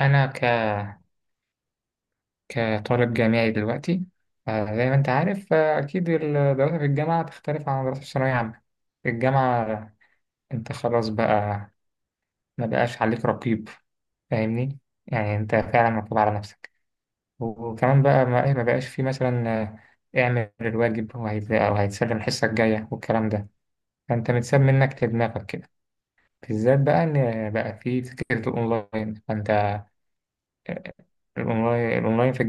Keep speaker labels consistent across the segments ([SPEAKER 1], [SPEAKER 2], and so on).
[SPEAKER 1] أنا ك... كطالب جامعي دلوقتي، زي ما أنت عارف، أكيد الدراسة في الجامعة تختلف عن الدراسة في الثانوية عامة. في الجامعة أنت خلاص بقى، ما بقاش عليك رقيب، فاهمني؟ يعني أنت فعلا مطلوب على نفسك. وكمان بقى ما بقاش في مثلا اعمل الواجب أو هيتسلم الحصة الجاية والكلام ده. فأنت متساب منك لدماغك كده، بالذات بقى إن بقى في فكرة الأونلاين. فأنت الأونلاين في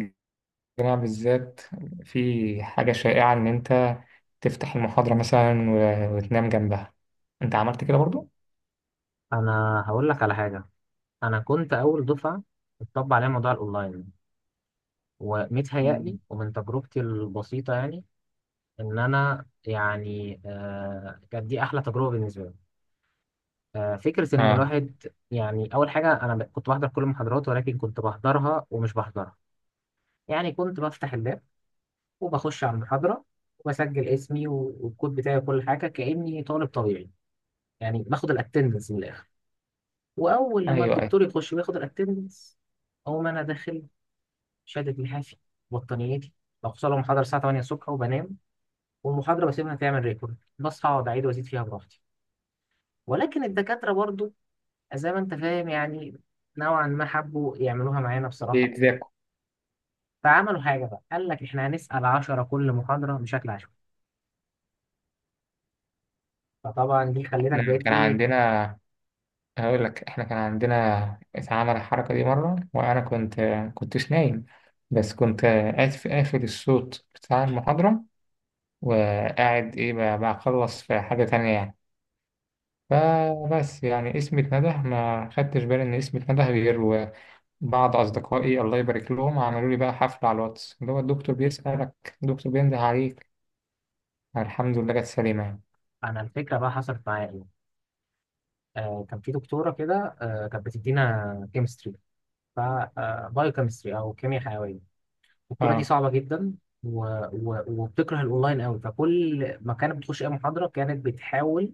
[SPEAKER 1] الجامعة بالذات في حاجة شائعة إن أنت تفتح المحاضرة مثلا وتنام جنبها. أنت عملت كده برضو؟
[SPEAKER 2] انا هقول لك على حاجه. انا كنت اول دفعه اتطبق عليها موضوع الاونلاين،
[SPEAKER 1] مم.
[SPEAKER 2] ومتهيألي ومن تجربتي البسيطه يعني ان انا يعني كانت دي احلى تجربه بالنسبه لي. فكره ان
[SPEAKER 1] آه.
[SPEAKER 2] الواحد يعني اول حاجه، انا كنت بحضر كل المحاضرات، ولكن كنت بحضرها ومش بحضرها. يعني كنت بفتح اللاب وبخش على المحاضره وبسجل اسمي والكود بتاعي وكل حاجه، كاني طالب طبيعي. يعني باخد الاتندنس من الاخر. واول لما
[SPEAKER 1] أيوه، أيوه،
[SPEAKER 2] الدكتور يخش وياخد الاتندنس اقوم انا داخل شهادة لحافي بطانيتي، بوصل محاضرة الساعة 8 الصبح وبنام، والمحاضرة بسيبها تعمل ريكورد، بصحى أقعد أعيد وأزيد فيها براحتي. ولكن الدكاترة برضو زي ما أنت فاهم يعني، نوعا ما حبوا يعملوها معانا بصراحة.
[SPEAKER 1] بيتذاكوا.
[SPEAKER 2] فعملوا حاجة بقى، قال لك إحنا هنسأل 10 كل محاضرة بشكل عشوائي. فطبعا دي خلتك
[SPEAKER 1] إحنا
[SPEAKER 2] بقيت
[SPEAKER 1] كان
[SPEAKER 2] إيه.
[SPEAKER 1] عندنا هقول لك إحنا كان عندنا اتعمل الحركة دي مرة، وأنا كنتش نايم، بس كنت قافل الصوت بتاع المحاضرة، وقاعد بخلص في حاجة تانية يعني. فبس يعني اسمي اتنده، ما خدتش بالي إن اسمي اتنده غير بعض أصدقائي الله يبارك لهم عملوا لي بقى حفلة على الواتس، اللي هو الدكتور بيسألك، الدكتور بينده عليك. الحمد لله جت سليمة يعني.
[SPEAKER 2] أنا الفكرة بقى حصلت معايا إيه، كان في دكتورة كده، كانت بتدينا كيمستري، ف بايو كيمستري أو كيمياء حيوية، البطوله دي
[SPEAKER 1] اه،
[SPEAKER 2] صعبه جدا. و... و... وبتكره الاونلاين قوي، فكل ما كانت بتخش اي محاضره كانت بتحاول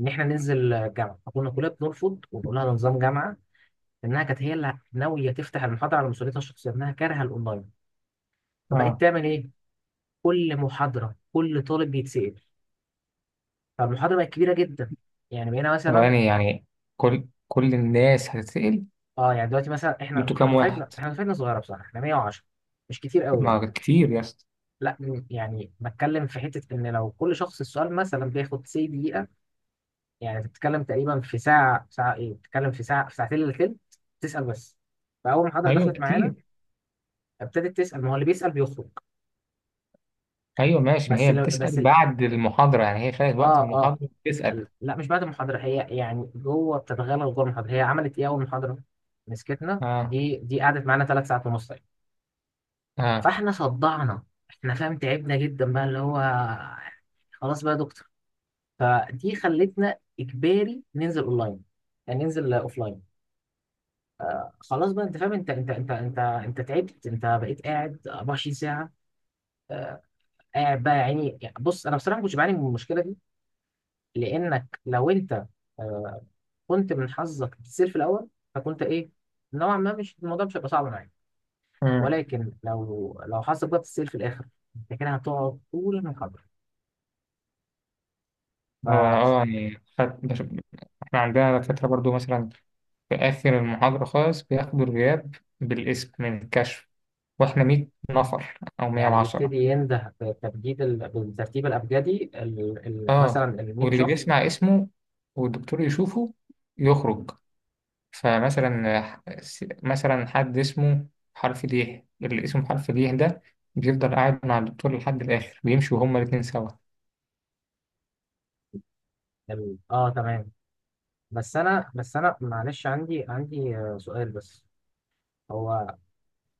[SPEAKER 2] ان احنا ننزل جامعه، فكنا كلنا بنرفض ونقول لها ده نظام جامعه. لانها كانت هي اللي ناويه تفتح المحاضره على مسؤوليتها الشخصيه، انها كارهه الاونلاين. فبقت
[SPEAKER 1] اه.
[SPEAKER 2] تعمل ايه، كل محاضره كل طالب بيتسال، فالمحاضره بقت كبيره جدا. يعني بقينا مثلا،
[SPEAKER 1] ثواني يعني، كل الناس هتتسأل.
[SPEAKER 2] اه يعني دلوقتي مثلا احنا،
[SPEAKER 1] انتوا
[SPEAKER 2] احنا
[SPEAKER 1] كام
[SPEAKER 2] دفعتنا
[SPEAKER 1] واحد؟
[SPEAKER 2] احنا دفعتنا صغيره بصراحه، احنا 110، مش كتير
[SPEAKER 1] طب
[SPEAKER 2] قوي يعني.
[SPEAKER 1] ما كتير يا اسطى.
[SPEAKER 2] لا يعني بتكلم في حته ان لو كل شخص السؤال مثلا بياخد سي دقيقه، يعني بتتكلم تقريبا في ساعة ساعة إيه بتتكلم في ساعة في ساعتين إلا تلت، تسأل بس. فأول ما الحضرة
[SPEAKER 1] ايوه
[SPEAKER 2] دخلت معانا
[SPEAKER 1] كتير.
[SPEAKER 2] ابتدت تسأل، ما هو اللي بيسأل بيخرج.
[SPEAKER 1] ايوه، ماشي، ما
[SPEAKER 2] بس
[SPEAKER 1] هي
[SPEAKER 2] لو بس
[SPEAKER 1] بتسأل
[SPEAKER 2] ال-
[SPEAKER 1] بعد المحاضرة يعني، هي خدت
[SPEAKER 2] آه
[SPEAKER 1] وقت
[SPEAKER 2] آه
[SPEAKER 1] المحاضرة بتسأل.
[SPEAKER 2] ال- لا مش بعد المحاضرة، هي يعني جوه، بتتغلغل جوه المحاضرة. هي عملت إيه أول محاضرة مسكتنا،
[SPEAKER 1] اه،
[SPEAKER 2] دي قعدت معانا 3 ساعات ونص يعني.
[SPEAKER 1] اه.
[SPEAKER 2] فإحنا صدعنا، إحنا فاهم تعبنا جدا بقى اللي هو خلاص بقى يا دكتور. فدي خلتنا إجباري ننزل أونلاين يعني ننزل أوفلاين. خلاص بقى انت فاهم، انت تعبت، انت بقيت قاعد 24 ساعه. آه، قاعد بقى يا عيني. يعني بص انا بصراحه ما كنتش بعاني من المشكله دي. لانك لو انت آه، كنت من حظك بتصير في الاول، فكنت ايه، نوعا ما مش الموضوع مش هيبقى صعب معاك.
[SPEAKER 1] مم.
[SPEAKER 2] ولكن لو حظك بقى بتصير في الاخر، انت كده هتقعد طول المحاضره.
[SPEAKER 1] هو
[SPEAKER 2] ف
[SPEAKER 1] يعني احنا عندنا دكاترة برضو مثلا في آخر المحاضرة خالص بياخدوا الغياب بالاسم من الكشف. واحنا 100 نفر او
[SPEAKER 2] يعني
[SPEAKER 1] 110.
[SPEAKER 2] بيبتدي ينده بالترتيب الابجدي،
[SPEAKER 1] اه،
[SPEAKER 2] مثلا ال 100
[SPEAKER 1] واللي
[SPEAKER 2] شخص.
[SPEAKER 1] بيسمع اسمه والدكتور يشوفه يخرج. فمثلا مثلا حد اسمه حرف ليه، اللي اسمه حرف ليه ده بيفضل قاعد مع الدكتور لحد الاخر، بيمشوا هما الاتنين سوا.
[SPEAKER 2] اه تمام. بس انا معلش عندي سؤال بس. هو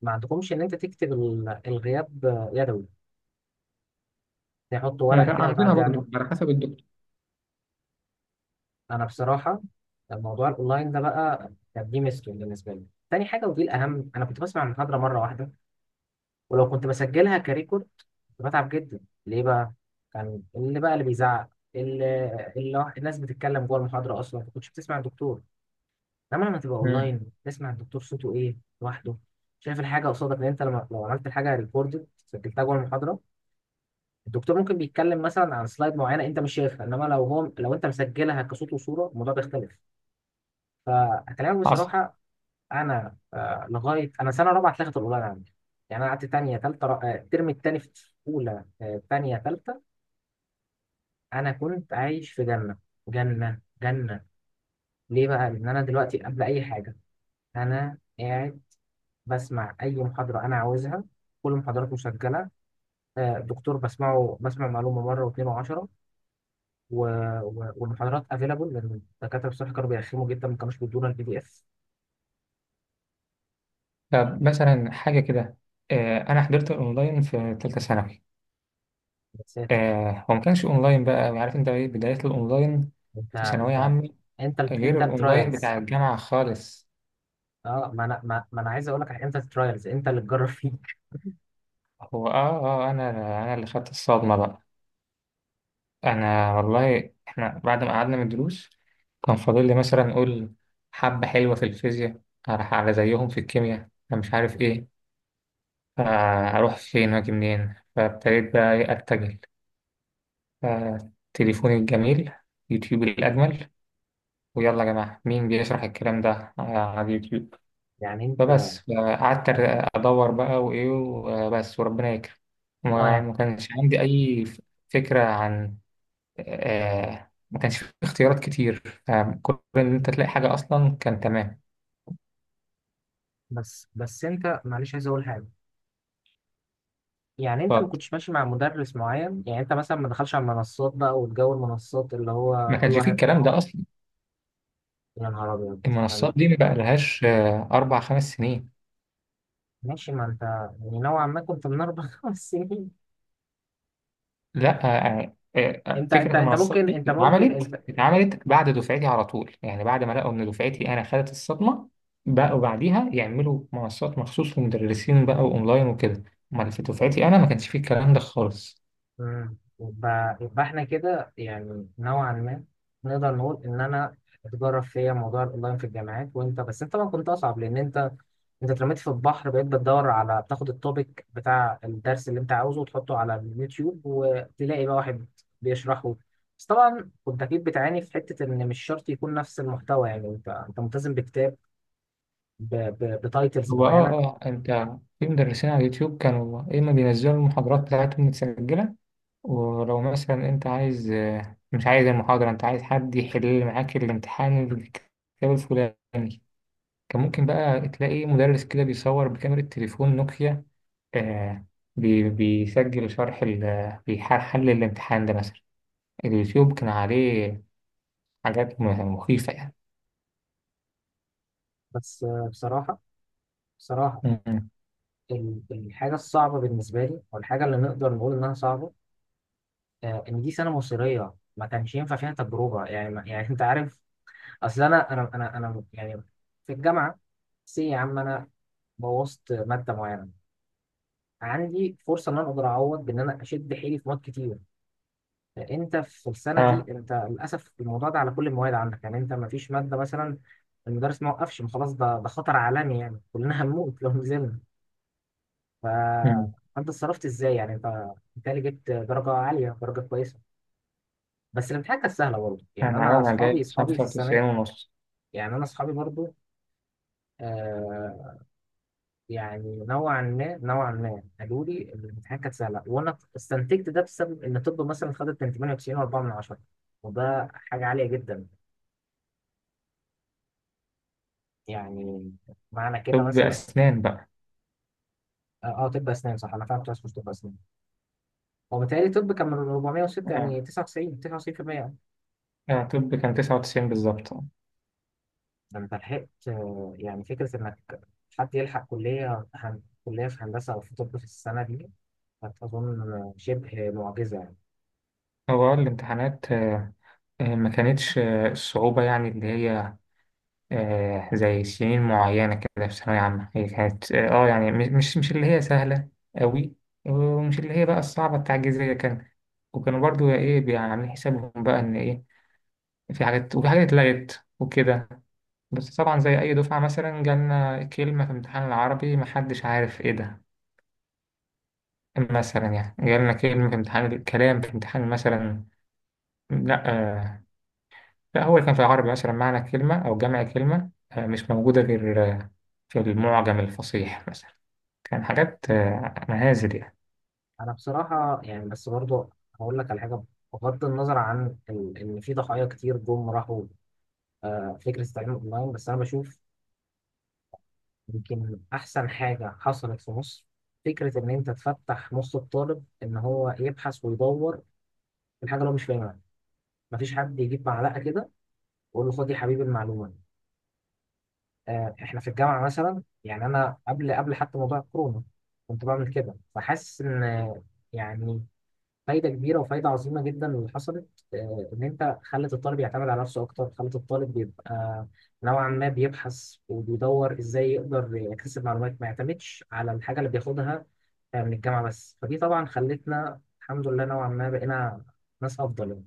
[SPEAKER 2] ما عندكمش ان انت تكتب الغياب يدوي، تحط ورقه
[SPEAKER 1] لا،
[SPEAKER 2] كده
[SPEAKER 1] عندنا
[SPEAKER 2] وتعدي
[SPEAKER 1] برضو
[SPEAKER 2] عليه.
[SPEAKER 1] على حسب الدكتور.
[SPEAKER 2] انا بصراحه موضوع الاونلاين ده بقى كان دي ميزته بالنسبه لي. تاني حاجه ودي الاهم، انا كنت بسمع المحاضره مره واحده، ولو كنت بسجلها كريكورد كنت بتعب جدا. ليه بقى، كان اللي بيزعق، اللي اللي الناس بتتكلم جوه المحاضره، اصلا ما كنتش بتسمع الدكتور. انما لما تبقى
[SPEAKER 1] مم.
[SPEAKER 2] اونلاين تسمع الدكتور صوته ايه لوحده، شايف الحاجه قصادك. لان انت لما لو عملت الحاجه ريكوردد سجلتها جوه المحاضره، الدكتور ممكن بيتكلم مثلا عن سلايد معينه انت مش شايفها. انما لو انت مسجلها كصوت وصوره، الموضوع بيختلف. فاكلمك
[SPEAKER 1] حصل.
[SPEAKER 2] بصراحه، انا لغايه انا سنه رابعه اتلغت الاونلاين عندي. يعني انا قعدت تانية تالتة الترم التاني في اولى، تانية تالتة، انا كنت عايش في جنه، جنه جنه. ليه بقى، لان انا دلوقتي قبل اي حاجه انا قاعد بسمع اي محاضره انا عاوزها، كل المحاضرات مسجله. الدكتور بسمع معلومه مره واثنين وعشرة. و... و... والمحاضرات افيلابل، لان الدكاتره بصراحه كانوا بيرخموا جدا، ما كانوش بيدونا البي دي اف.
[SPEAKER 1] طب مثلا حاجة كده، أنا حضرت الأونلاين في تالتة ثانوي.
[SPEAKER 2] يا ساتر.
[SPEAKER 1] آه، هو ما كانش أونلاين، بقى عارف أنت إيه بداية الأونلاين
[SPEAKER 2] انت
[SPEAKER 1] في ثانوية
[SPEAKER 2] انت
[SPEAKER 1] عامة،
[SPEAKER 2] انت
[SPEAKER 1] غير الأونلاين
[SPEAKER 2] الترايلز.
[SPEAKER 1] بتاع الجامعة خالص.
[SPEAKER 2] اه ما انا ما, ما انا عايز اقول لك انت الترايلز، انت اللي تجرب فيك.
[SPEAKER 1] هو، أنا اللي خدت الصدمة بقى. أنا والله إحنا بعد ما قعدنا من الدروس كان فاضل لي مثلا أقول حبة حلوة في الفيزياء، أروح على زيهم في الكيمياء، أنا مش عارف إيه، فأروح فين وأجي منين؟ فابتديت بقى أتجه تليفوني الجميل، يوتيوب الأجمل. ويلا يا جماعة، مين بيشرح الكلام ده على اليوتيوب؟
[SPEAKER 2] يعني انت
[SPEAKER 1] فبس، قعدت أدور بقى وإيه وبس، وربنا يكرم.
[SPEAKER 2] اه
[SPEAKER 1] وما
[SPEAKER 2] يعني.
[SPEAKER 1] ما كانش عندي أي فكرة عن، ما كانش في اختيارات كتير، فكل إن أنت تلاقي حاجة أصلا كان تمام.
[SPEAKER 2] بس انت معلش عايز اقول حاجه، يعني انت ما
[SPEAKER 1] فما
[SPEAKER 2] كنتش ماشي مع مدرس معين، يعني انت مثلا ما دخلش على المنصات بقى والجو، المنصات اللي هو كل
[SPEAKER 1] كانش فيه
[SPEAKER 2] واحد.
[SPEAKER 1] الكلام ده أصلا.
[SPEAKER 2] يا نهار ابيض.
[SPEAKER 1] المنصات دي ما بقى لهاش 4 5 سنين.
[SPEAKER 2] ماشي، ما انت يعني نوعا ما كنت من اربع خمس سنين.
[SPEAKER 1] لا، فكرة المنصات دي
[SPEAKER 2] انت.
[SPEAKER 1] اتعملت بعد دفعتي على طول، يعني بعد ما لقوا إن دفعتي أنا خدت الصدمة. بقوا بعديها يعملوا منصات مخصوص للمدرسين بقى وأونلاين وكده. أمال في دفعتي أنا ما كانش فيه الكلام ده خالص.
[SPEAKER 2] يبقى احنا كده يعني نوعا ما نقدر نقول ان انا اتجرب فيا موضوع الاونلاين في الجامعات. وانت بس انت طبعا كنت اصعب، لان انت اترميت في البحر، بقيت بتدور على، بتاخد التوبيك بتاع الدرس اللي انت عاوزه وتحطه على اليوتيوب وتلاقي بقى واحد بيشرحه. بس طبعا كنت اكيد بتعاني في حته ان مش شرط يكون نفس المحتوى، يعني انت ملتزم بكتاب، بتايتلز
[SPEAKER 1] هو،
[SPEAKER 2] معينه.
[SPEAKER 1] أنت، في مدرسين على اليوتيوب كانوا يا إما بينزلوا المحاضرات بتاعتهم متسجلة، ولو مثلا أنت عايز، مش عايز المحاضرة، أنت عايز حد يحل معاك الامتحان الكتاب الفلاني، كان ممكن بقى تلاقي مدرس كده بيصور بكاميرا تليفون نوكيا، آه بيسجل شرح بيحل الامتحان ده مثلا. اليوتيوب كان عليه حاجات مخيفة يعني.
[SPEAKER 2] بس آه، بصراحة، بصراحة
[SPEAKER 1] مم.
[SPEAKER 2] ال- الحاجة الصعبة بالنسبة لي أو الحاجة اللي نقدر نقول إنها صعبة، إن دي سنة مصيرية ما كانش ينفع فيها تجربة. يعني يعني أنت عارف، أصل أنا يعني في الجامعة سي يا عم، أنا بوظت مادة معينة، عندي فرصة إن أنا أقدر أعوض بإن أنا أشد حيلي في مواد كتير. أنت في السنة
[SPEAKER 1] اه.
[SPEAKER 2] دي أنت للأسف الموضوع ده على كل المواد عندك، يعني أنت ما فيش مادة مثلا المدرس ما وقفش، ما خلاص، ده خطر عالمي، يعني كلنا هنموت لو نزلنا. فانت
[SPEAKER 1] مم.
[SPEAKER 2] اتصرفت ازاي، يعني انت بالتالي جبت درجه عاليه، درجه كويسه، بس الامتحان كان سهله برضه. يعني
[SPEAKER 1] أنا
[SPEAKER 2] انا
[SPEAKER 1] أنا
[SPEAKER 2] اصحابي
[SPEAKER 1] جايب
[SPEAKER 2] اصحابي
[SPEAKER 1] خمسة
[SPEAKER 2] في السنه،
[SPEAKER 1] وتسعين ونص
[SPEAKER 2] يعني انا اصحابي برضه آه يعني، نوعا ما قالوا لي إن الامتحان كانت سهله. وانا استنتجت ده بسبب ان طب مثلا خدت من 98 و4 من 10، وده حاجه عاليه جدا يعني، معنى كده
[SPEAKER 1] طب
[SPEAKER 2] مثلا.
[SPEAKER 1] أسنان بقى.
[SPEAKER 2] طب اسنان صح، انا فعلا كنت عايز أخش طب اسنان. هو بيتهيألي طب كان من 406،
[SPEAKER 1] اه،
[SPEAKER 2] يعني 99%.
[SPEAKER 1] اه، طب كان 99 بالظبط.
[SPEAKER 2] ده انت لحقت يعني فكرة انك حد يلحق كلية كلية في هندسة او في طب في السنة دي، كانت اظن شبه معجزة يعني.
[SPEAKER 1] هو، الامتحانات ما كانتش الصعوبة يعني، اللي هي زي سنين معينة كده في ثانوية عامة، هي كانت يعني مش اللي هي سهلة أوي، ومش اللي هي بقى الصعبة التعجيزية كان. وكانوا برضو عاملين حسابهم بقى ان في حاجات، وفي حاجات اتلغت وكده. بس طبعا زي أي دفعة مثلا جالنا كلمة في امتحان العربي محدش عارف ايه ده، مثلا يعني جالنا كلمة في امتحان الكلام في امتحان مثلا، لا، لا، هو اللي كان في العربي مثلا معنى كلمة أو جمع كلمة مش موجودة غير في المعجم الفصيح مثلا، كان حاجات مهازل يعني.
[SPEAKER 2] انا بصراحة يعني بس برضو هقول لك على حاجة، بغض النظر عن ان في ضحايا كتير جم راحوا، فكرة التعليم اونلاين بس انا بشوف يمكن احسن حاجة حصلت في مصر، فكرة ان انت تفتح نص الطالب ان هو يبحث ويدور في الحاجة اللي هو مش فاهمها، مفيش حد يجيب معلقة كده ويقول له خد يا حبيبي المعلومة. احنا في الجامعه مثلا، يعني انا قبل حتى موضوع الكورونا كنت بعمل كده، فحاسس ان يعني فايده كبيره وفايده عظيمه جدا اللي حصلت، ان انت خلت الطالب يعتمد على نفسه اكتر، خلت الطالب يبقى نوعا ما بيبحث وبيدور ازاي يقدر يكتسب معلومات، ما يعتمدش على الحاجه اللي بياخدها من الجامعه بس. فدي طبعا خلتنا الحمد لله نوعا ما بقينا ناس افضل.